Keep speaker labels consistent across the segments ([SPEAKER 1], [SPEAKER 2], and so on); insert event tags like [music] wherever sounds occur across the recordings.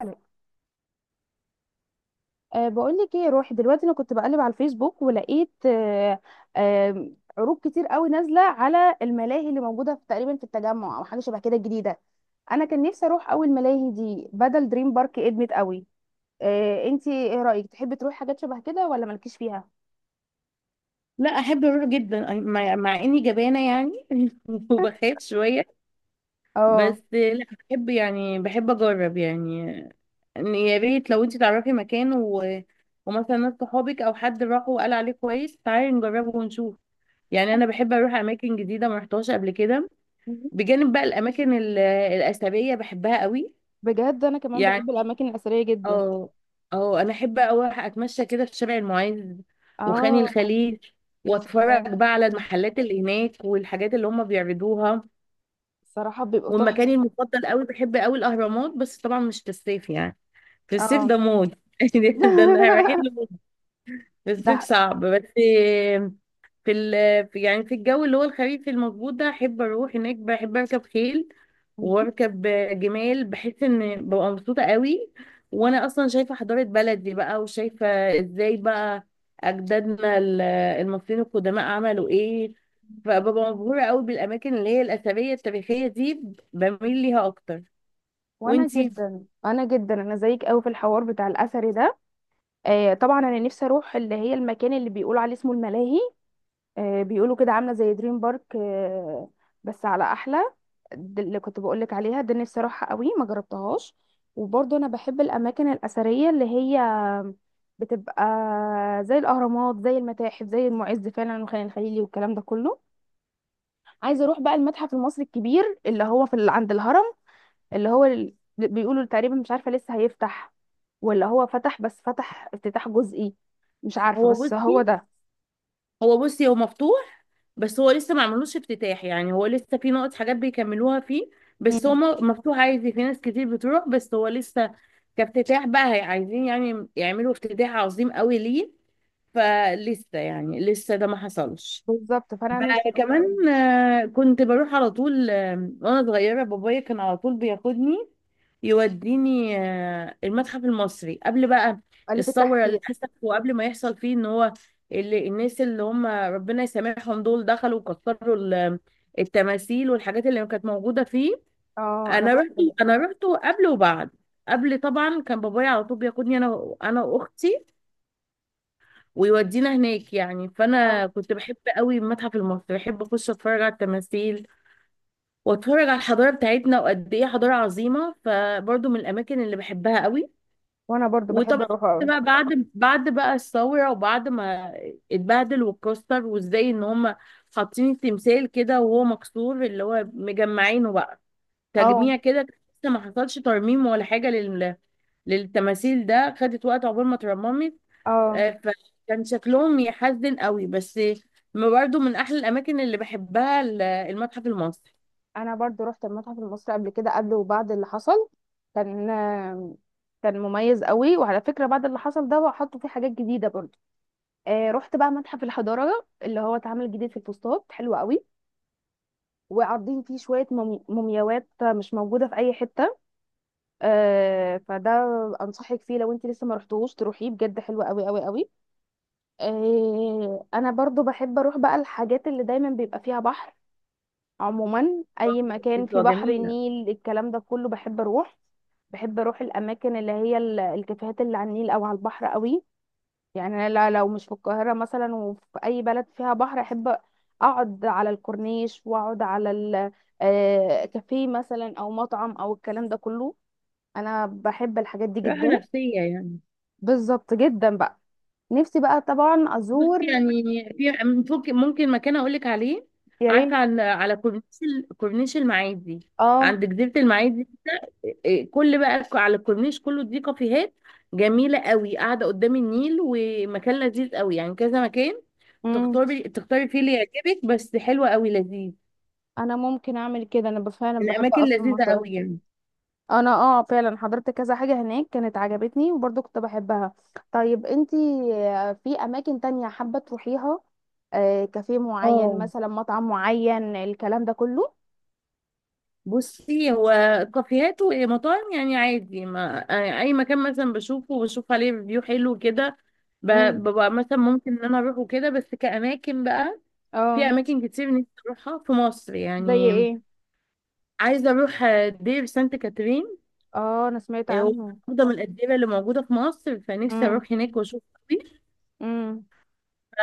[SPEAKER 1] حلو. بقول لك ايه، روحي دلوقتي. انا كنت بقلب على الفيسبوك، ولقيت أه أه عروض كتير قوي نازله على الملاهي اللي موجوده في تقريبا في التجمع او حاجه شبه كده جديده. انا كان نفسي اروح اول ملاهي دي، بدل دريم بارك ادمت قوي. انتي ايه رايك؟ تحبي تروحي حاجات شبه كده ولا مالكيش فيها؟
[SPEAKER 2] لا احب اروح جدا أي- مع مع اني جبانه يعني [laughs] وبخاف شويه.
[SPEAKER 1] اه،
[SPEAKER 2] بس لا بحب يعني بحب اجرب يعني. إن يا ريت لو انت تعرفي مكان ومثلا ناس صحابك او حد راح وقال عليه كويس، تعالي نجربه ونشوف. يعني انا بحب اروح اماكن جديده ما رحتهاش قبل كده، بجانب بقى الاماكن الاثريه بحبها قوي
[SPEAKER 1] بجد انا كمان بحب
[SPEAKER 2] يعني.
[SPEAKER 1] الاماكن الاثريه جدا.
[SPEAKER 2] اه، اه انا احب اوي اتمشى كده في شارع المعز وخان
[SPEAKER 1] اه،
[SPEAKER 2] الخليل،
[SPEAKER 1] يا
[SPEAKER 2] واتفرج
[SPEAKER 1] سلام.
[SPEAKER 2] بقى على المحلات اللي هناك والحاجات اللي هم بيعرضوها.
[SPEAKER 1] الصراحه بيبقوا
[SPEAKER 2] والمكان
[SPEAKER 1] تحفه.
[SPEAKER 2] المفضل قوي بحب قوي الاهرامات، بس طبعا مش في الصيف يعني. في الصيف
[SPEAKER 1] اه.
[SPEAKER 2] ده موت [laughs] ده
[SPEAKER 1] [laughs]
[SPEAKER 2] احنا رايحين لموت. في الصيف
[SPEAKER 1] ده
[SPEAKER 2] صعب. بس في يعني في الجو اللي هو الخريف المظبوط ده احب اروح هناك، بحب اركب خيل واركب جمال. بحس ان ببقى مبسوطه قوي، وانا اصلا شايفه حضاره بلدي بقى، وشايفه ازاي بقى اجدادنا المصريين القدماء عملوا ايه. فببقى مبهوره قوي بالاماكن اللي هي الاثريه التاريخيه دي، بميل ليها اكتر.
[SPEAKER 1] وانا
[SPEAKER 2] وانتي؟
[SPEAKER 1] جدا، انا زيك قوي في الحوار بتاع الاثري ده. آه طبعا، انا نفسي اروح اللي هي المكان اللي بيقولوا عليه اسمه الملاهي. آه، بيقولوا كده عامله زي دريم بارك، آه، بس على احلى. دي اللي كنت بقول لك عليها، ده نفسي اروحها قوي، ما جربتهاش. وبرضه انا بحب الاماكن الاثريه اللي هي بتبقى زي الاهرامات، زي المتاحف، زي المعز فعلا والخان الخليلي والكلام ده كله. عايزه اروح بقى المتحف المصري الكبير اللي هو عند الهرم. بيقولوا تقريبا، مش عارفة لسه هيفتح ولا هو فتح، بس فتح افتتاح جزئي. مش عارفة،
[SPEAKER 2] هو
[SPEAKER 1] بس هو
[SPEAKER 2] بصي،
[SPEAKER 1] ده.
[SPEAKER 2] هو بصي هو مفتوح، بس هو لسه ما عملوش افتتاح. يعني هو لسه في نقط حاجات بيكملوها فيه، بس هو
[SPEAKER 1] مم.
[SPEAKER 2] مفتوح عادي، في ناس كتير بتروح، بس هو لسه كافتتاح بقى عايزين يعني يعملوا افتتاح عظيم قوي ليه، فلسه يعني لسه ده ما حصلش.
[SPEAKER 1] بالظب، فانا نفسي
[SPEAKER 2] بقى
[SPEAKER 1] اروح أوي.
[SPEAKER 2] كمان كنت بروح على طول، وانا صغيره بابايا كان على طول بياخدني يوديني، المتحف المصري قبل بقى
[SPEAKER 1] الف
[SPEAKER 2] الثوره اللي
[SPEAKER 1] التحرير.
[SPEAKER 2] حصلت، وقبل ما يحصل فيه ان هو اللي الناس اللي هم ربنا يسامحهم دول دخلوا وكسروا التماثيل والحاجات اللي كانت موجوده فيه.
[SPEAKER 1] اه انا
[SPEAKER 2] انا
[SPEAKER 1] رحت
[SPEAKER 2] رحت،
[SPEAKER 1] ب-
[SPEAKER 2] انا رحت قبل وبعد. قبل طبعا كان بابايا على طول بياخدني انا واختي ويودينا هناك يعني،
[SPEAKER 1] اه،
[SPEAKER 2] فانا كنت بحب قوي المتحف المصري، بحب اخش اتفرج على التماثيل واتفرج على الحضاره بتاعتنا وقد ايه حضاره عظيمه. فبرضو من الاماكن اللي بحبها قوي.
[SPEAKER 1] وانا برضو
[SPEAKER 2] وطبعا
[SPEAKER 1] بحب اروح
[SPEAKER 2] كنت
[SPEAKER 1] أوي.
[SPEAKER 2] بقى بعد بقى الثوره، وبعد ما اتبهدل واتكسر وازاي ان هم حاطين التمثال كده وهو مكسور، اللي هو مجمعينه بقى
[SPEAKER 1] اه.
[SPEAKER 2] تجميع كده، لسه ما حصلش ترميم ولا حاجه لل للتماثيل. ده خدت وقت عقبال ما اترممت.
[SPEAKER 1] اه،
[SPEAKER 2] آه، فكان شكلهم يحزن قوي. بس ما برضو من احلى الاماكن اللي بحبها المتحف المصري.
[SPEAKER 1] انا برضو رحت المتحف المصري قبل كده، قبل وبعد اللي حصل. كان كان مميز قوي. وعلى فكره، بعد اللي حصل ده حطوا فيه حاجات جديده برضو. آه، رحت بقى متحف الحضاره اللي هو اتعمل جديد في الفسطاط، حلو قوي. وعارضين فيه شوية مومياوات مش موجودة في أي حتة. آه، فده أنصحك فيه، لو أنت لسه ما رحتوش تروحيه، بجد حلو قوي قوي قوي. آه، أنا برضو بحب أروح بقى الحاجات اللي دايما بيبقى فيها بحر. عموما أي مكان فيه
[SPEAKER 2] بتبقى
[SPEAKER 1] بحر،
[SPEAKER 2] جميله
[SPEAKER 1] النيل، الكلام ده كله بحب أروح. بحب أروح الأماكن اللي هي الكافيهات اللي على النيل أو على البحر قوي. يعني انا لو مش في القاهره مثلا وفي اي بلد فيها بحر، احب اقعد على الكورنيش، واقعد على كافيه مثلا او مطعم او الكلام ده كله. انا بحب الحاجات دي
[SPEAKER 2] راحه
[SPEAKER 1] جدا.
[SPEAKER 2] نفسيه يعني.
[SPEAKER 1] بالظبط، جدا بقى. نفسي بقى طبعا
[SPEAKER 2] بصي
[SPEAKER 1] ازور.
[SPEAKER 2] يعني في، ممكن مكان اقول لك عليه.
[SPEAKER 1] يا
[SPEAKER 2] عارفه
[SPEAKER 1] ريت.
[SPEAKER 2] على على كورنيش كورنيش المعادي
[SPEAKER 1] اه.
[SPEAKER 2] عند جزيره المعادي. كل بقى على الكورنيش كله دي كافيهات جميله قوي قاعده قدام النيل، ومكان لذيذ قوي يعني، كذا مكان
[SPEAKER 1] امم.
[SPEAKER 2] تختاري، تختاري فيه اللي يعجبك، بس حلوه قوي لذيذ.
[SPEAKER 1] انا ممكن اعمل كده، فعلا بحب
[SPEAKER 2] الاماكن
[SPEAKER 1] اصلا
[SPEAKER 2] لذيذه
[SPEAKER 1] المنطقه دي.
[SPEAKER 2] قوي يعني.
[SPEAKER 1] انا اه، فعلا حضرت كذا حاجة هناك كانت عجبتني، وبرضه كنت بحبها. طيب انتي، آه، في اماكن تانية حابة تروحيها؟ آه، كافيه معين
[SPEAKER 2] اه
[SPEAKER 1] مثلا، مطعم معين، الكلام ده كله؟
[SPEAKER 2] بصي، هو كافيهات ومطاعم يعني عادي، ما يعني اي مكان مثلا بشوفه وبشوف عليه ريفيو حلو كده ب-
[SPEAKER 1] امم.
[SPEAKER 2] ببقى مثلا ممكن ان انا اروحه كده. بس كاماكن بقى، في
[SPEAKER 1] اه.
[SPEAKER 2] اماكن كتير نفسي اروحها في مصر
[SPEAKER 1] زي
[SPEAKER 2] يعني.
[SPEAKER 1] ايه؟
[SPEAKER 2] عايزه اروح دير سانت كاترين.
[SPEAKER 1] اه، انا سمعت
[SPEAKER 2] آه،
[SPEAKER 1] عنه.
[SPEAKER 2] واحده من الاديره اللي موجوده في مصر، فنفسي
[SPEAKER 1] امم.
[SPEAKER 2] اروح هناك واشوف.
[SPEAKER 1] امم.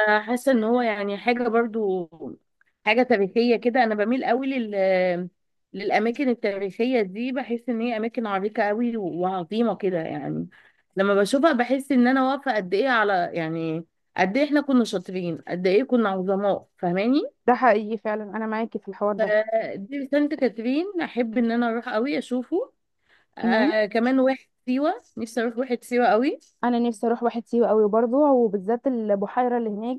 [SPEAKER 2] حاسه ان هو يعني حاجه برضو حاجه تاريخيه كده. انا بميل قوي لل للاماكن التاريخيه دي، بحس ان هي اماكن عريقه قوي وعظيمه كده يعني. لما بشوفها بحس ان انا واقفه قد ايه على، يعني قد ايه احنا كنا شاطرين، قد ايه كنا عظماء، فاهماني؟
[SPEAKER 1] ده حقيقي فعلا، انا معاكي في الحوار ده.
[SPEAKER 2] فدي سانت كاترين احب ان انا اروح قوي اشوفه.
[SPEAKER 1] امم.
[SPEAKER 2] آه كمان واحد سيوه، نفسي اروح واحد سيوه قوي.
[SPEAKER 1] انا نفسي اروح واحد سيوة قوي برضه، وبالذات البحيرة اللي هناك،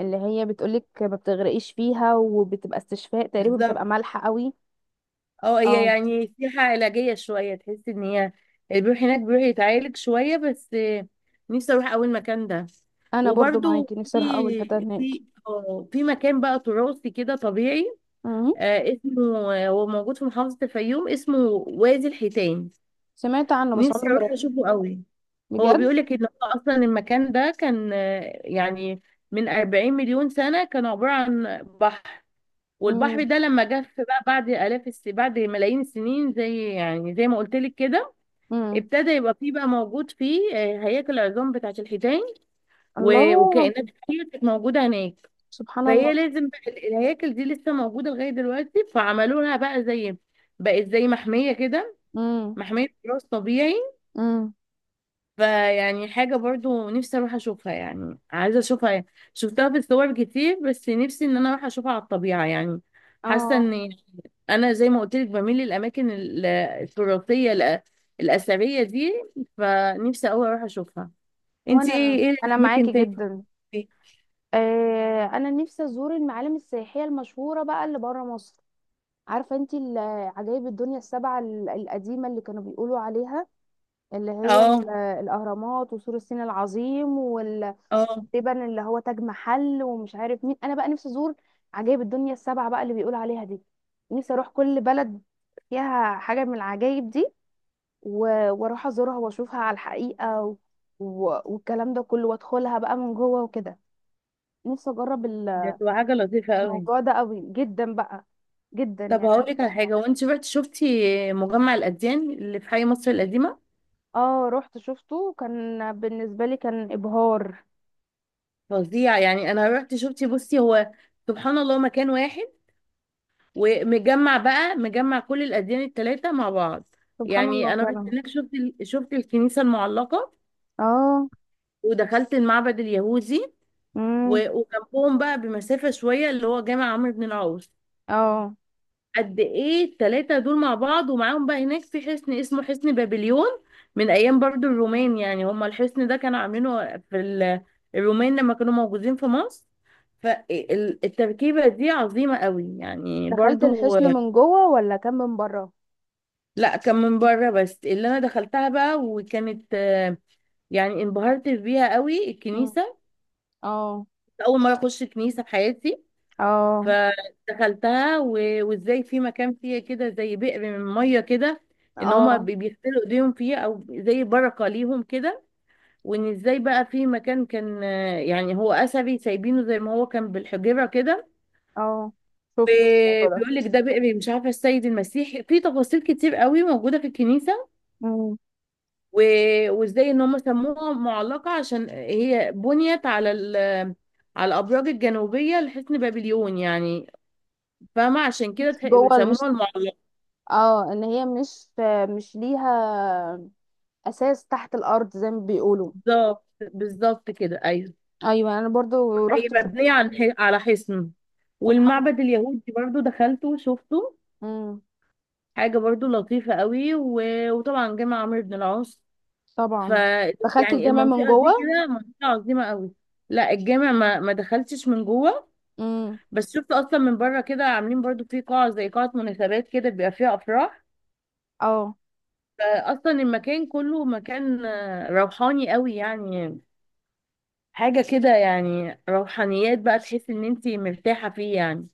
[SPEAKER 1] اللي هي بتقولك ما بتغرقيش فيها، وبتبقى استشفاء تقريبا،
[SPEAKER 2] بالظبط.
[SPEAKER 1] بتبقى مالحة قوي.
[SPEAKER 2] اه هي
[SPEAKER 1] اه.
[SPEAKER 2] يعني سياحة علاجية شوية، تحس ان هي اللي بيروح هناك بيروح يتعالج شوية. بس نفسي اروح اول مكان ده.
[SPEAKER 1] انا برضو
[SPEAKER 2] وبرضو
[SPEAKER 1] معاكي، نفسي اروح اول حته
[SPEAKER 2] في
[SPEAKER 1] هناك.
[SPEAKER 2] في مكان بقى تراثي كده طبيعي،
[SPEAKER 1] مم.
[SPEAKER 2] آه اسمه، هو موجود في محافظة الفيوم، اسمه وادي الحيتان.
[SPEAKER 1] سمعت عنه، بس
[SPEAKER 2] نفسي
[SPEAKER 1] عمري ما
[SPEAKER 2] اروح
[SPEAKER 1] رحت.
[SPEAKER 2] اشوفه قوي. هو
[SPEAKER 1] بجد.
[SPEAKER 2] بيقولك ان هو اصلا المكان ده كان، يعني من 40 مليون سنة كان عبارة عن بحر، والبحر
[SPEAKER 1] مم.
[SPEAKER 2] ده لما جف بقى بعد بعد ملايين السنين، زي يعني زي ما قلت لك كده،
[SPEAKER 1] مم.
[SPEAKER 2] ابتدى يبقى فيه بقى موجود فيه هياكل العظام بتاعة الحيتان
[SPEAKER 1] الله.
[SPEAKER 2] وكائنات كتير كانت موجودة هناك.
[SPEAKER 1] سبحان
[SPEAKER 2] فهي
[SPEAKER 1] الله.
[SPEAKER 2] لازم بقى الهياكل دي لسه موجودة لغاية دلوقتي، فعملوا لها بقى زي، بقت زي محمية كده،
[SPEAKER 1] مم.
[SPEAKER 2] محمية تراث طبيعي.
[SPEAKER 1] مم.
[SPEAKER 2] فيعني حاجة برضو نفسي اروح اشوفها يعني، عايزة اشوفها يعني. شفتها في الصور كتير بس نفسي ان انا اروح اشوفها على الطبيعة يعني. حاسة
[SPEAKER 1] اه.
[SPEAKER 2] ان انا زي ما قلت لك بميل للاماكن التراثية الاثرية دي، فنفسي اوي اروح اشوفها. انت ايه،
[SPEAKER 1] وانا
[SPEAKER 2] ايه
[SPEAKER 1] انا
[SPEAKER 2] الاماكن
[SPEAKER 1] معاكي
[SPEAKER 2] تاني
[SPEAKER 1] جدا.
[SPEAKER 2] دي؟
[SPEAKER 1] آه، انا نفسي ازور المعالم السياحيه المشهوره بقى اللي بره مصر. عارفه انت عجائب الدنيا السبعه القديمه اللي كانوا بيقولوا عليها؟ اللي هي
[SPEAKER 2] اه،
[SPEAKER 1] الاهرامات، وسور الصين العظيم،
[SPEAKER 2] اه
[SPEAKER 1] تقريبا اللي هو تاج محل، ومش عارف مين. انا بقى نفسي ازور عجائب الدنيا السبعة بقى اللي بيقول عليها دي. نفسي اروح كل بلد فيها حاجة من العجائب دي، واروح ازورها واشوفها على الحقيقة والكلام ده كله، وادخلها بقى من جوه وكده. نفسي اجرب
[SPEAKER 2] ده تبقى حاجة لطيفة اوي.
[SPEAKER 1] الموضوع ده قوي جدا بقى، جدا
[SPEAKER 2] طب
[SPEAKER 1] يعني
[SPEAKER 2] هقول لك على حاجة، وانت رحت شفتي مجمع الاديان اللي في حي مصر القديمة؟
[SPEAKER 1] اه، رحت شفته، وكان بالنسبة لي كان ابهار.
[SPEAKER 2] فظيع يعني. انا رحت شفتي بصي هو سبحان الله مكان واحد ومجمع بقى، مجمع كل الأديان التلاتة مع بعض.
[SPEAKER 1] سبحان الله
[SPEAKER 2] يعني أنا رحت
[SPEAKER 1] فعلا.
[SPEAKER 2] هناك شفت شفت الكنيسة المعلقة
[SPEAKER 1] اه.
[SPEAKER 2] ودخلت المعبد اليهودي
[SPEAKER 1] امم.
[SPEAKER 2] وجنبهم بقى بمسافة شوية اللي هو جامع عمرو بن العاص.
[SPEAKER 1] اه،
[SPEAKER 2] قد إيه التلاتة دول مع بعض، ومعاهم بقى هناك في حصن اسمه حصن بابليون من أيام برضو الرومان يعني. هما الحصن ده كانوا عاملينه في الرومان لما كانوا موجودين في مصر. فالتركيبة دي عظيمة قوي يعني
[SPEAKER 1] دخلت
[SPEAKER 2] برضو.
[SPEAKER 1] الحصن من جوه ولا كان من بره؟
[SPEAKER 2] لا كان من بره، بس اللي انا دخلتها بقى وكانت، يعني انبهرت بيها قوي الكنيسه.
[SPEAKER 1] اه.
[SPEAKER 2] اول مره اخش كنيسه في حياتي،
[SPEAKER 1] اه.
[SPEAKER 2] فدخلتها وازاي في مكان فيها كده زي بئر من ميه كده، ان هما
[SPEAKER 1] اه.
[SPEAKER 2] بيغسلوا ايديهم فيه او زي بركه ليهم كده. وان ازاي بقى في مكان كان، يعني هو اثري سايبينه زي ما هو كان بالحجره كده.
[SPEAKER 1] اه. شفت الموضوع ده.
[SPEAKER 2] بيقول لك ده بئر مش عارفه السيد المسيح، في تفاصيل كتير قوي موجوده في الكنيسه.
[SPEAKER 1] مم.
[SPEAKER 2] وازاي ان هم سموها معلقة عشان هي بنيت على على الابراج الجنوبيه لحصن بابليون يعني، فاهمه؟ عشان
[SPEAKER 1] مش
[SPEAKER 2] كده
[SPEAKER 1] جوه مش،
[SPEAKER 2] سموها المعلقه.
[SPEAKER 1] اه، ان هي مش، مش ليها اساس تحت الارض زي ما بيقولوا.
[SPEAKER 2] بالظبط كده ايوه.
[SPEAKER 1] ايوه، انا برضو
[SPEAKER 2] هي
[SPEAKER 1] رحت
[SPEAKER 2] مبنيه
[SPEAKER 1] شفتها.
[SPEAKER 2] عن على حصن.
[SPEAKER 1] سبحان الله.
[SPEAKER 2] والمعبد اليهودي برضو دخلته وشفته،
[SPEAKER 1] امم.
[SPEAKER 2] حاجه برضو لطيفه قوي. وطبعا جامع عمرو بن العاص. ف
[SPEAKER 1] طبعا. دخلت
[SPEAKER 2] يعني
[SPEAKER 1] الجامع من
[SPEAKER 2] المنطقه
[SPEAKER 1] جوه؟
[SPEAKER 2] دي كده منطقه عظيمه قوي. لا الجامع ما دخلتش من جوه،
[SPEAKER 1] امم.
[SPEAKER 2] بس شفت اصلا من بره كده عاملين برضو في قاعة زي قاعة مناسبات كده بيبقى فيها افراح.
[SPEAKER 1] اه،
[SPEAKER 2] فاصلا المكان كله مكان، روحاني قوي يعني، حاجة كده يعني روحانيات بقى، تحس ان انتي مرتاحة فيه يعني.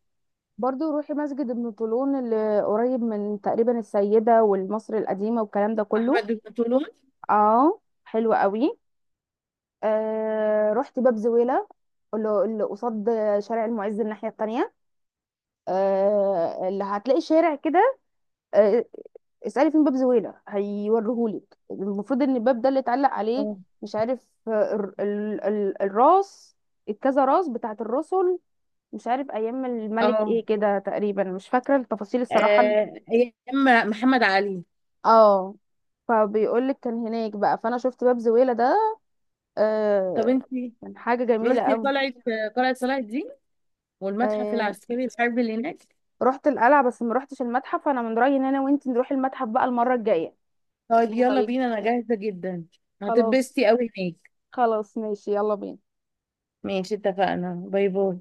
[SPEAKER 1] برضو روحي مسجد ابن طولون، اللي قريب من تقريبا السيدة والمصر القديمة والكلام ده كله.
[SPEAKER 2] احمد البطولون.
[SPEAKER 1] اه، حلو قوي. آه، رحت باب زويلة، اللي اللي قصاد شارع المعز الناحية التانية. آه، اللي هتلاقي شارع كده. آه، اسألي فين باب زويلة هيوريهولك. المفروض ان الباب ده اللي اتعلق عليه،
[SPEAKER 2] اه،
[SPEAKER 1] مش عارف آه، ال ال ال الراس، الكذا راس بتاعت الرسل، مش عارف ايام الملك
[SPEAKER 2] اه
[SPEAKER 1] ايه كده، تقريبا مش فاكرة التفاصيل الصراحة.
[SPEAKER 2] ايام محمد علي.
[SPEAKER 1] اه. فبيقولك كان هناك بقى، فانا شفت باب زويلة ده.
[SPEAKER 2] طب
[SPEAKER 1] آه،
[SPEAKER 2] انتي
[SPEAKER 1] كان حاجة جميلة
[SPEAKER 2] رحتي قلعة، قلعة صلاح الدين والمتحف
[SPEAKER 1] قوي.
[SPEAKER 2] العسكري الحربي اللي هناك؟
[SPEAKER 1] رحت القلعة بس ما رحتش المتحف، فانا من رأيي ان انا وانت نروح المتحف بقى المرة الجاية.
[SPEAKER 2] طيب
[SPEAKER 1] ايه
[SPEAKER 2] يلا
[SPEAKER 1] رأيك؟
[SPEAKER 2] بينا انا جاهزة جدا.
[SPEAKER 1] خلاص.
[SPEAKER 2] هتتبسطي قوي هناك.
[SPEAKER 1] خلاص، ماشي، يلا بينا.
[SPEAKER 2] ماشي اتفقنا، باي باي.